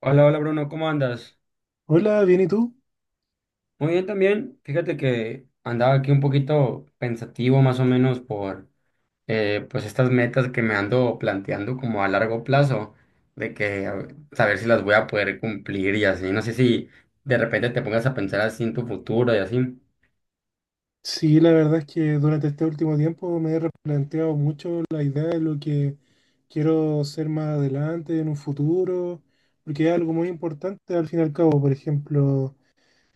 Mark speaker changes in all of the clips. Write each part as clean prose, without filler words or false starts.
Speaker 1: Hola, hola Bruno, ¿cómo andas?
Speaker 2: Hola, bien, ¿y tú?
Speaker 1: Muy bien también. Fíjate que andaba aquí un poquito pensativo más o menos por pues estas metas que me ando planteando como a largo plazo, de que a ver, saber si las voy a poder cumplir y así. No sé si de repente te pongas a pensar así en tu futuro y así.
Speaker 2: Sí, la verdad es que durante este último tiempo me he replanteado mucho la idea de lo que quiero ser más adelante, en un futuro, porque es algo muy importante al fin y al cabo. Por ejemplo,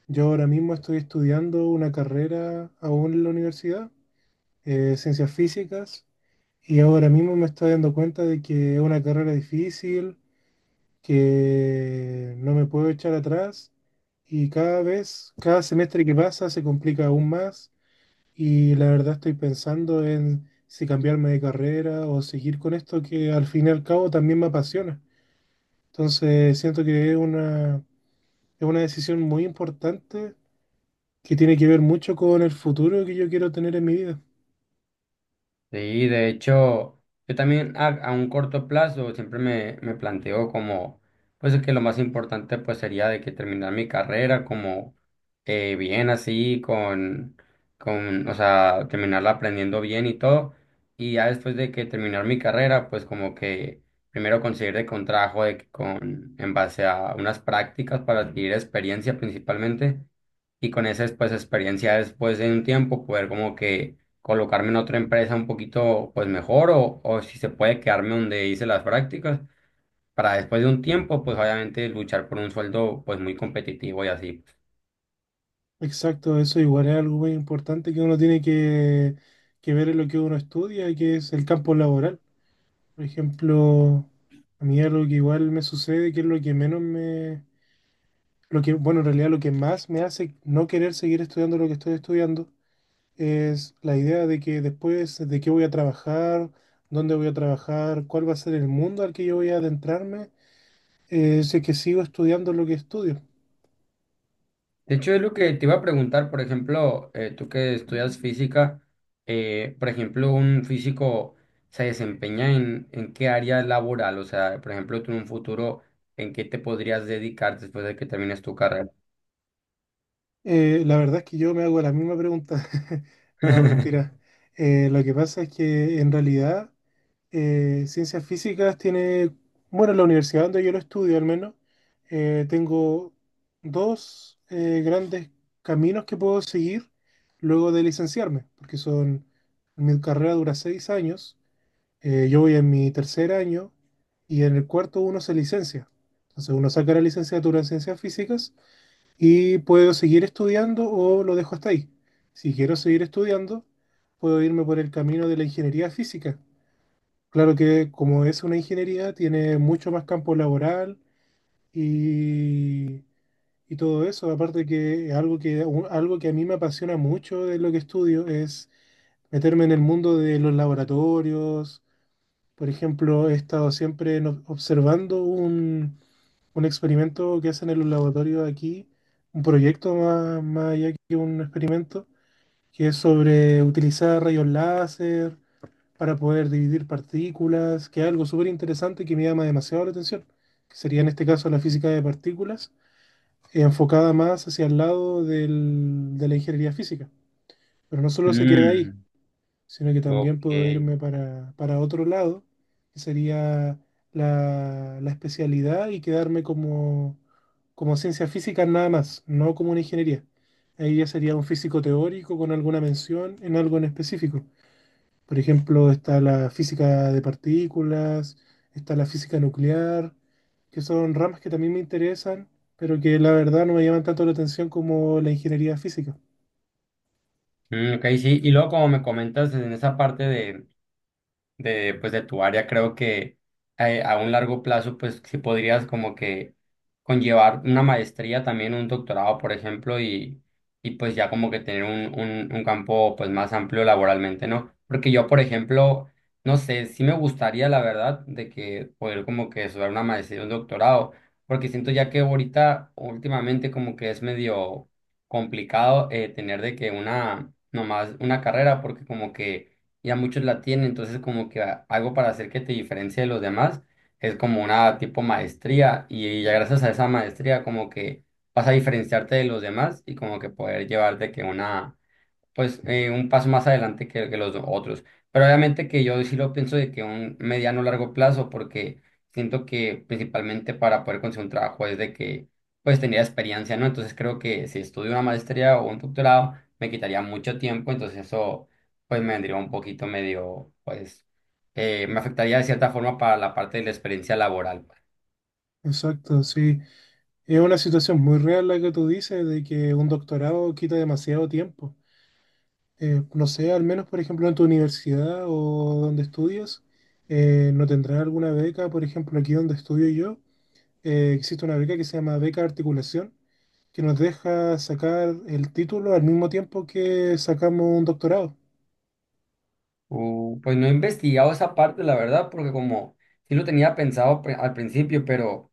Speaker 2: yo ahora mismo estoy estudiando una carrera aún en la universidad, ciencias físicas, y ahora mismo me estoy dando cuenta de que es una carrera difícil, que no me puedo echar atrás. Y cada vez, cada semestre que pasa se complica aún más. Y la verdad estoy pensando en si cambiarme de carrera o seguir con esto que al fin y al cabo también me apasiona. Entonces siento que es una decisión muy importante que tiene que ver mucho con el futuro que yo quiero tener en mi vida.
Speaker 1: Sí, de hecho, yo también a un corto plazo siempre me planteo como, pues que lo más importante pues sería de que terminar mi carrera como bien así, o sea, terminarla aprendiendo bien y todo. Y ya después de que terminar mi carrera, pues como que primero conseguir de con trabajo de que con, en base a unas prácticas para adquirir experiencia principalmente y con esa pues experiencia después de un tiempo poder como que colocarme en otra empresa un poquito pues mejor o si se puede quedarme donde hice las prácticas para después de un tiempo pues obviamente luchar por un sueldo pues muy competitivo y así.
Speaker 2: Exacto, eso igual es algo muy importante que uno tiene que ver en lo que uno estudia, que es el campo laboral. Por ejemplo, a mí algo que igual me sucede, que es lo que menos me Lo que, bueno, en realidad lo que más me hace no querer seguir estudiando lo que estoy estudiando es la idea de que después de qué voy a trabajar, dónde voy a trabajar, cuál va a ser el mundo al que yo voy a adentrarme, si es que sigo estudiando lo que estudio.
Speaker 1: De hecho es lo que te iba a preguntar, por ejemplo, tú que estudias física, por ejemplo, un físico se desempeña en qué área laboral, o sea, por ejemplo, tú en un futuro, ¿en qué te podrías dedicar después de que termines tu carrera?
Speaker 2: La verdad es que yo me hago la misma pregunta. No, mentira. Lo que pasa es que en realidad ciencias físicas bueno, en la universidad donde yo lo estudio al menos, tengo dos grandes caminos que puedo seguir luego de licenciarme, porque son, mi carrera dura 6 años, yo voy en mi tercer año y en el cuarto uno se licencia. Entonces uno saca la licenciatura en ciencias físicas y puedo seguir estudiando o lo dejo hasta ahí. Si quiero seguir estudiando, puedo irme por el camino de la ingeniería física. Claro que como es una ingeniería, tiene mucho más campo laboral y, y todo eso. Aparte que algo que a mí me apasiona mucho de lo que estudio es meterme en el mundo de los laboratorios. Por ejemplo, he estado siempre observando un experimento que hacen en los laboratorios aquí, un proyecto más allá que un experimento, que es sobre utilizar rayos láser para poder dividir partículas, que es algo súper interesante que me llama demasiado la atención, que sería en este caso la física de partículas, enfocada más hacia el lado de la ingeniería física. Pero no solo se queda ahí,
Speaker 1: Mm,
Speaker 2: sino que también
Speaker 1: ok.
Speaker 2: puedo irme para otro lado, que sería la especialidad y quedarme como ciencia física nada más, no como una ingeniería. Ahí ya sería un físico teórico con alguna mención en algo en específico. Por ejemplo, está la física de partículas, está la física nuclear, que son ramas que también me interesan, pero que la verdad no me llaman tanto la atención como la ingeniería física.
Speaker 1: Mm, ok, sí. Y luego, como me comentas en esa parte pues, de tu área, creo que a un largo plazo, pues sí podrías como que conllevar una maestría, también un doctorado, por ejemplo, y pues ya como que tener un campo pues más amplio laboralmente, ¿no? Porque yo, por ejemplo, no sé, sí me gustaría, la verdad, de que poder como que estudiar una maestría, un doctorado, porque siento ya que ahorita, últimamente, como que es medio complicado tener de que una, nomás una carrera, porque como que ya muchos la tienen, entonces como que algo para hacer que te diferencie de los demás es como una tipo maestría y ya gracias a esa maestría como que vas a diferenciarte de los demás y como que poder llevar de que una pues un paso más adelante que los otros. Pero obviamente que yo sí lo pienso de que un mediano largo plazo, porque siento que principalmente para poder conseguir un trabajo es de que pues tenía experiencia, ¿no? Entonces creo que si estudio una maestría o un doctorado me quitaría mucho tiempo, entonces eso pues me vendría un poquito medio, pues me afectaría de cierta forma para la parte de la experiencia laboral pues.
Speaker 2: Exacto, sí. Es una situación muy real la que tú dices de que un doctorado quita demasiado tiempo. No sé, al menos por ejemplo en tu universidad o donde estudias, ¿no tendrás alguna beca? Por ejemplo, aquí donde estudio yo, existe una beca que se llama Beca Articulación, que nos deja sacar el título al mismo tiempo que sacamos un doctorado.
Speaker 1: Pues no he investigado esa parte, la verdad, porque como sí lo tenía pensado al principio, pero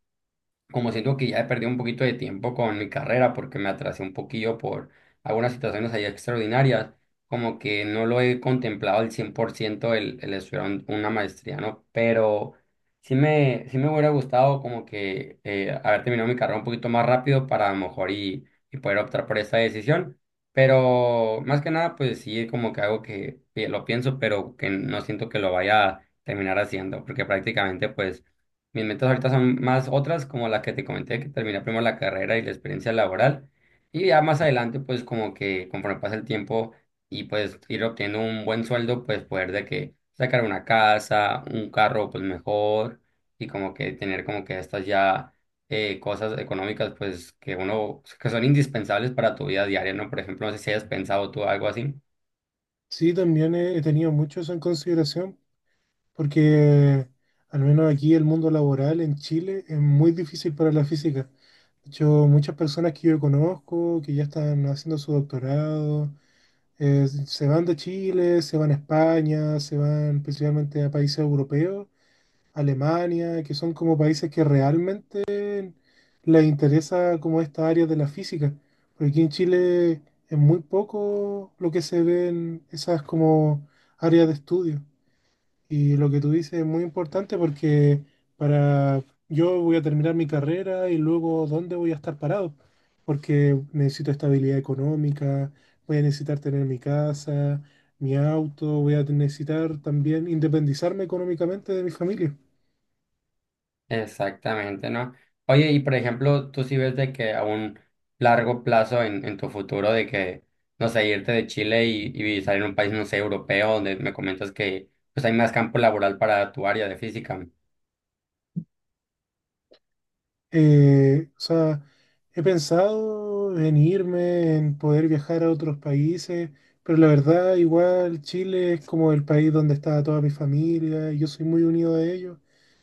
Speaker 1: como siento que ya he perdido un poquito de tiempo con mi carrera porque me atrasé un poquillo por algunas situaciones ahí extraordinarias, como que no lo he contemplado al 100% el estudiar una maestría, ¿no? Pero sí me hubiera gustado como que haber terminado mi carrera un poquito más rápido para a lo mejor y poder optar por esta decisión. Pero más que nada, pues sí, es como que algo que lo pienso, pero que no siento que lo vaya a terminar haciendo, porque prácticamente, pues mis metas ahorita son más otras, como la que te comenté, que terminar primero la carrera y la experiencia laboral. Y ya más adelante, pues como que conforme pasa el tiempo y pues ir obteniendo un buen sueldo, pues poder de que sacar una casa, un carro, pues mejor. Y como que tener como que estas ya cosas económicas, pues que uno, que son indispensables para tu vida diaria, ¿no? Por ejemplo, no sé si hayas pensado tú algo así.
Speaker 2: Sí, también he tenido mucho eso en consideración porque al menos aquí el mundo laboral en Chile es muy difícil para la física. De hecho, muchas personas que yo conozco, que ya están haciendo su doctorado, se van de Chile, se van a España, se van principalmente a países europeos, Alemania, que son como países que realmente les interesa como esta área de la física. Porque aquí en Chile es muy poco lo que se ve en esas como áreas de estudio. Y lo que tú dices es muy importante porque para yo voy a terminar mi carrera y luego dónde voy a estar parado, porque necesito estabilidad económica, voy a necesitar tener mi casa, mi auto, voy a necesitar también independizarme económicamente de mi familia.
Speaker 1: Exactamente, ¿no? Oye, y por ejemplo, tú sí ves de que a un largo plazo en tu futuro, de que, no sé, irte de Chile y salir a un país, no sé, europeo, donde me comentas que pues hay más campo laboral para tu área de física.
Speaker 2: O sea, he pensado en irme, en poder viajar a otros países, pero la verdad, igual Chile es como el país donde está toda mi familia y yo soy muy unido a ellos.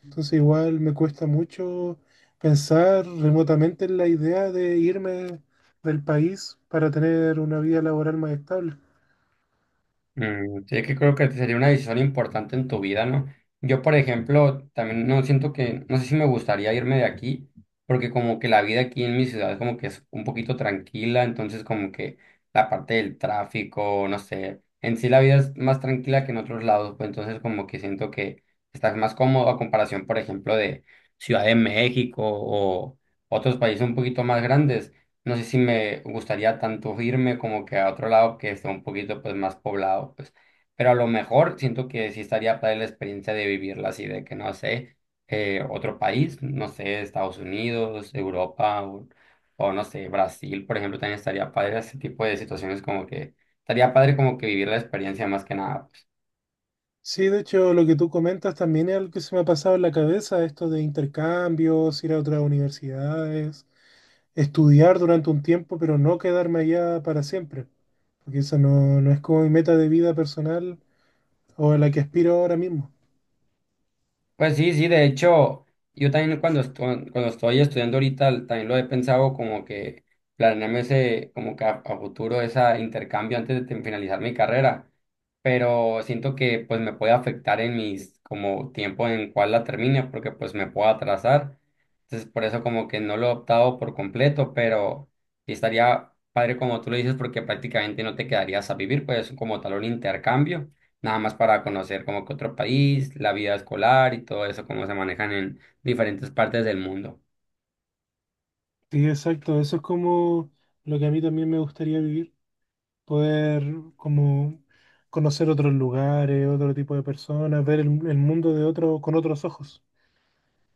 Speaker 2: Entonces, igual me cuesta mucho pensar remotamente en la idea de irme del país para tener una vida laboral más estable.
Speaker 1: Mm, sí, que creo que sería una decisión importante en tu vida, ¿no? Yo, por ejemplo, también no siento que, no sé si me gustaría irme de aquí, porque como que la vida aquí en mi ciudad como que es un poquito tranquila, entonces como que la parte del tráfico, no sé, en sí la vida es más tranquila que en otros lados, pues entonces como que siento que estás más cómodo a comparación, por ejemplo, de Ciudad de México o otros países un poquito más grandes. No sé si me gustaría tanto irme como que a otro lado que esté un poquito pues más poblado, pues. Pero a lo mejor siento que sí estaría para la experiencia de vivirla así, de que no sé, otro país, no sé, Estados Unidos, Europa o no sé, Brasil, por ejemplo, también estaría padre ese tipo de situaciones como que estaría padre como que vivir la experiencia más que nada pues.
Speaker 2: Sí, de hecho, lo que tú comentas también es algo que se me ha pasado en la cabeza, esto de intercambios, ir a otras universidades, estudiar durante un tiempo, pero no quedarme allá para siempre, porque eso no, no es como mi meta de vida personal o a la que aspiro ahora mismo.
Speaker 1: Pues sí, sí, de hecho, yo también cuando estoy estudiando ahorita también lo he pensado como que planearme ese, como que a futuro ese intercambio antes de finalizar mi carrera, pero siento que pues me puede afectar en mis, como tiempo en cual la termine, porque pues me puedo atrasar, entonces por eso como que no lo he optado por completo, pero sí estaría padre como tú lo dices, porque prácticamente no te quedarías a vivir, pues como tal un intercambio nada más para conocer como que otro país, la vida escolar y todo eso, cómo se manejan en diferentes partes del mundo.
Speaker 2: Sí, exacto, eso es como lo que a mí también me gustaría vivir, poder como conocer otros lugares, otro tipo de personas, ver el mundo de otro, con otros ojos,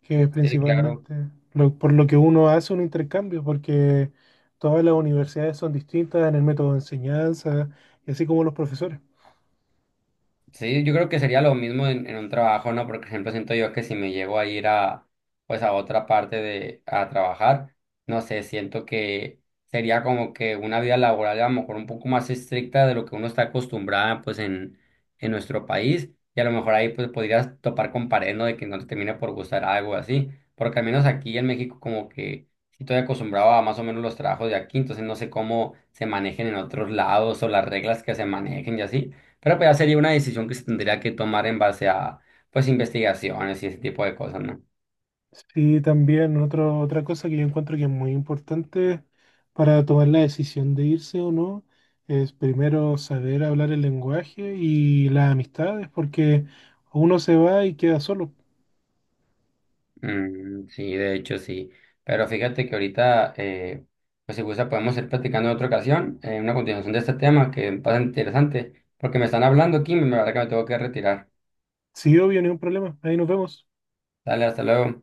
Speaker 2: que es
Speaker 1: Sí, claro.
Speaker 2: principalmente por lo que uno hace un intercambio, porque todas las universidades son distintas en el método de enseñanza y así como los profesores.
Speaker 1: Sí, yo creo que sería lo mismo en un trabajo, ¿no? Porque, por ejemplo, siento yo que si me llego a ir a, pues, a otra parte de, a trabajar, no sé, siento que sería como que una vida laboral a lo mejor un poco más estricta de lo que uno está acostumbrada, pues, en nuestro país. Y a lo mejor ahí, pues, podrías topar con pared, ¿no? De que no te termine por gustar algo así. Porque al menos aquí en México como que sí estoy acostumbrado a más o menos los trabajos de aquí, entonces no sé cómo se manejen en otros lados o las reglas que se manejen y así. Pero pues ya sería una decisión que se tendría que tomar en base a, pues, investigaciones y ese tipo de cosas, ¿no?
Speaker 2: Sí, también otra cosa que yo encuentro que es muy importante para tomar la decisión de irse o no es primero saber hablar el lenguaje y las amistades, porque uno se va y queda solo.
Speaker 1: Mm, sí, de hecho, sí. Pero fíjate que ahorita, pues, si gusta, podemos ir platicando en otra ocasión, una continuación de este tema que pasa interesante, porque me están hablando aquí y me verdad que me tengo que retirar.
Speaker 2: Sí, obvio, ningún problema. Ahí nos vemos.
Speaker 1: Dale, hasta luego.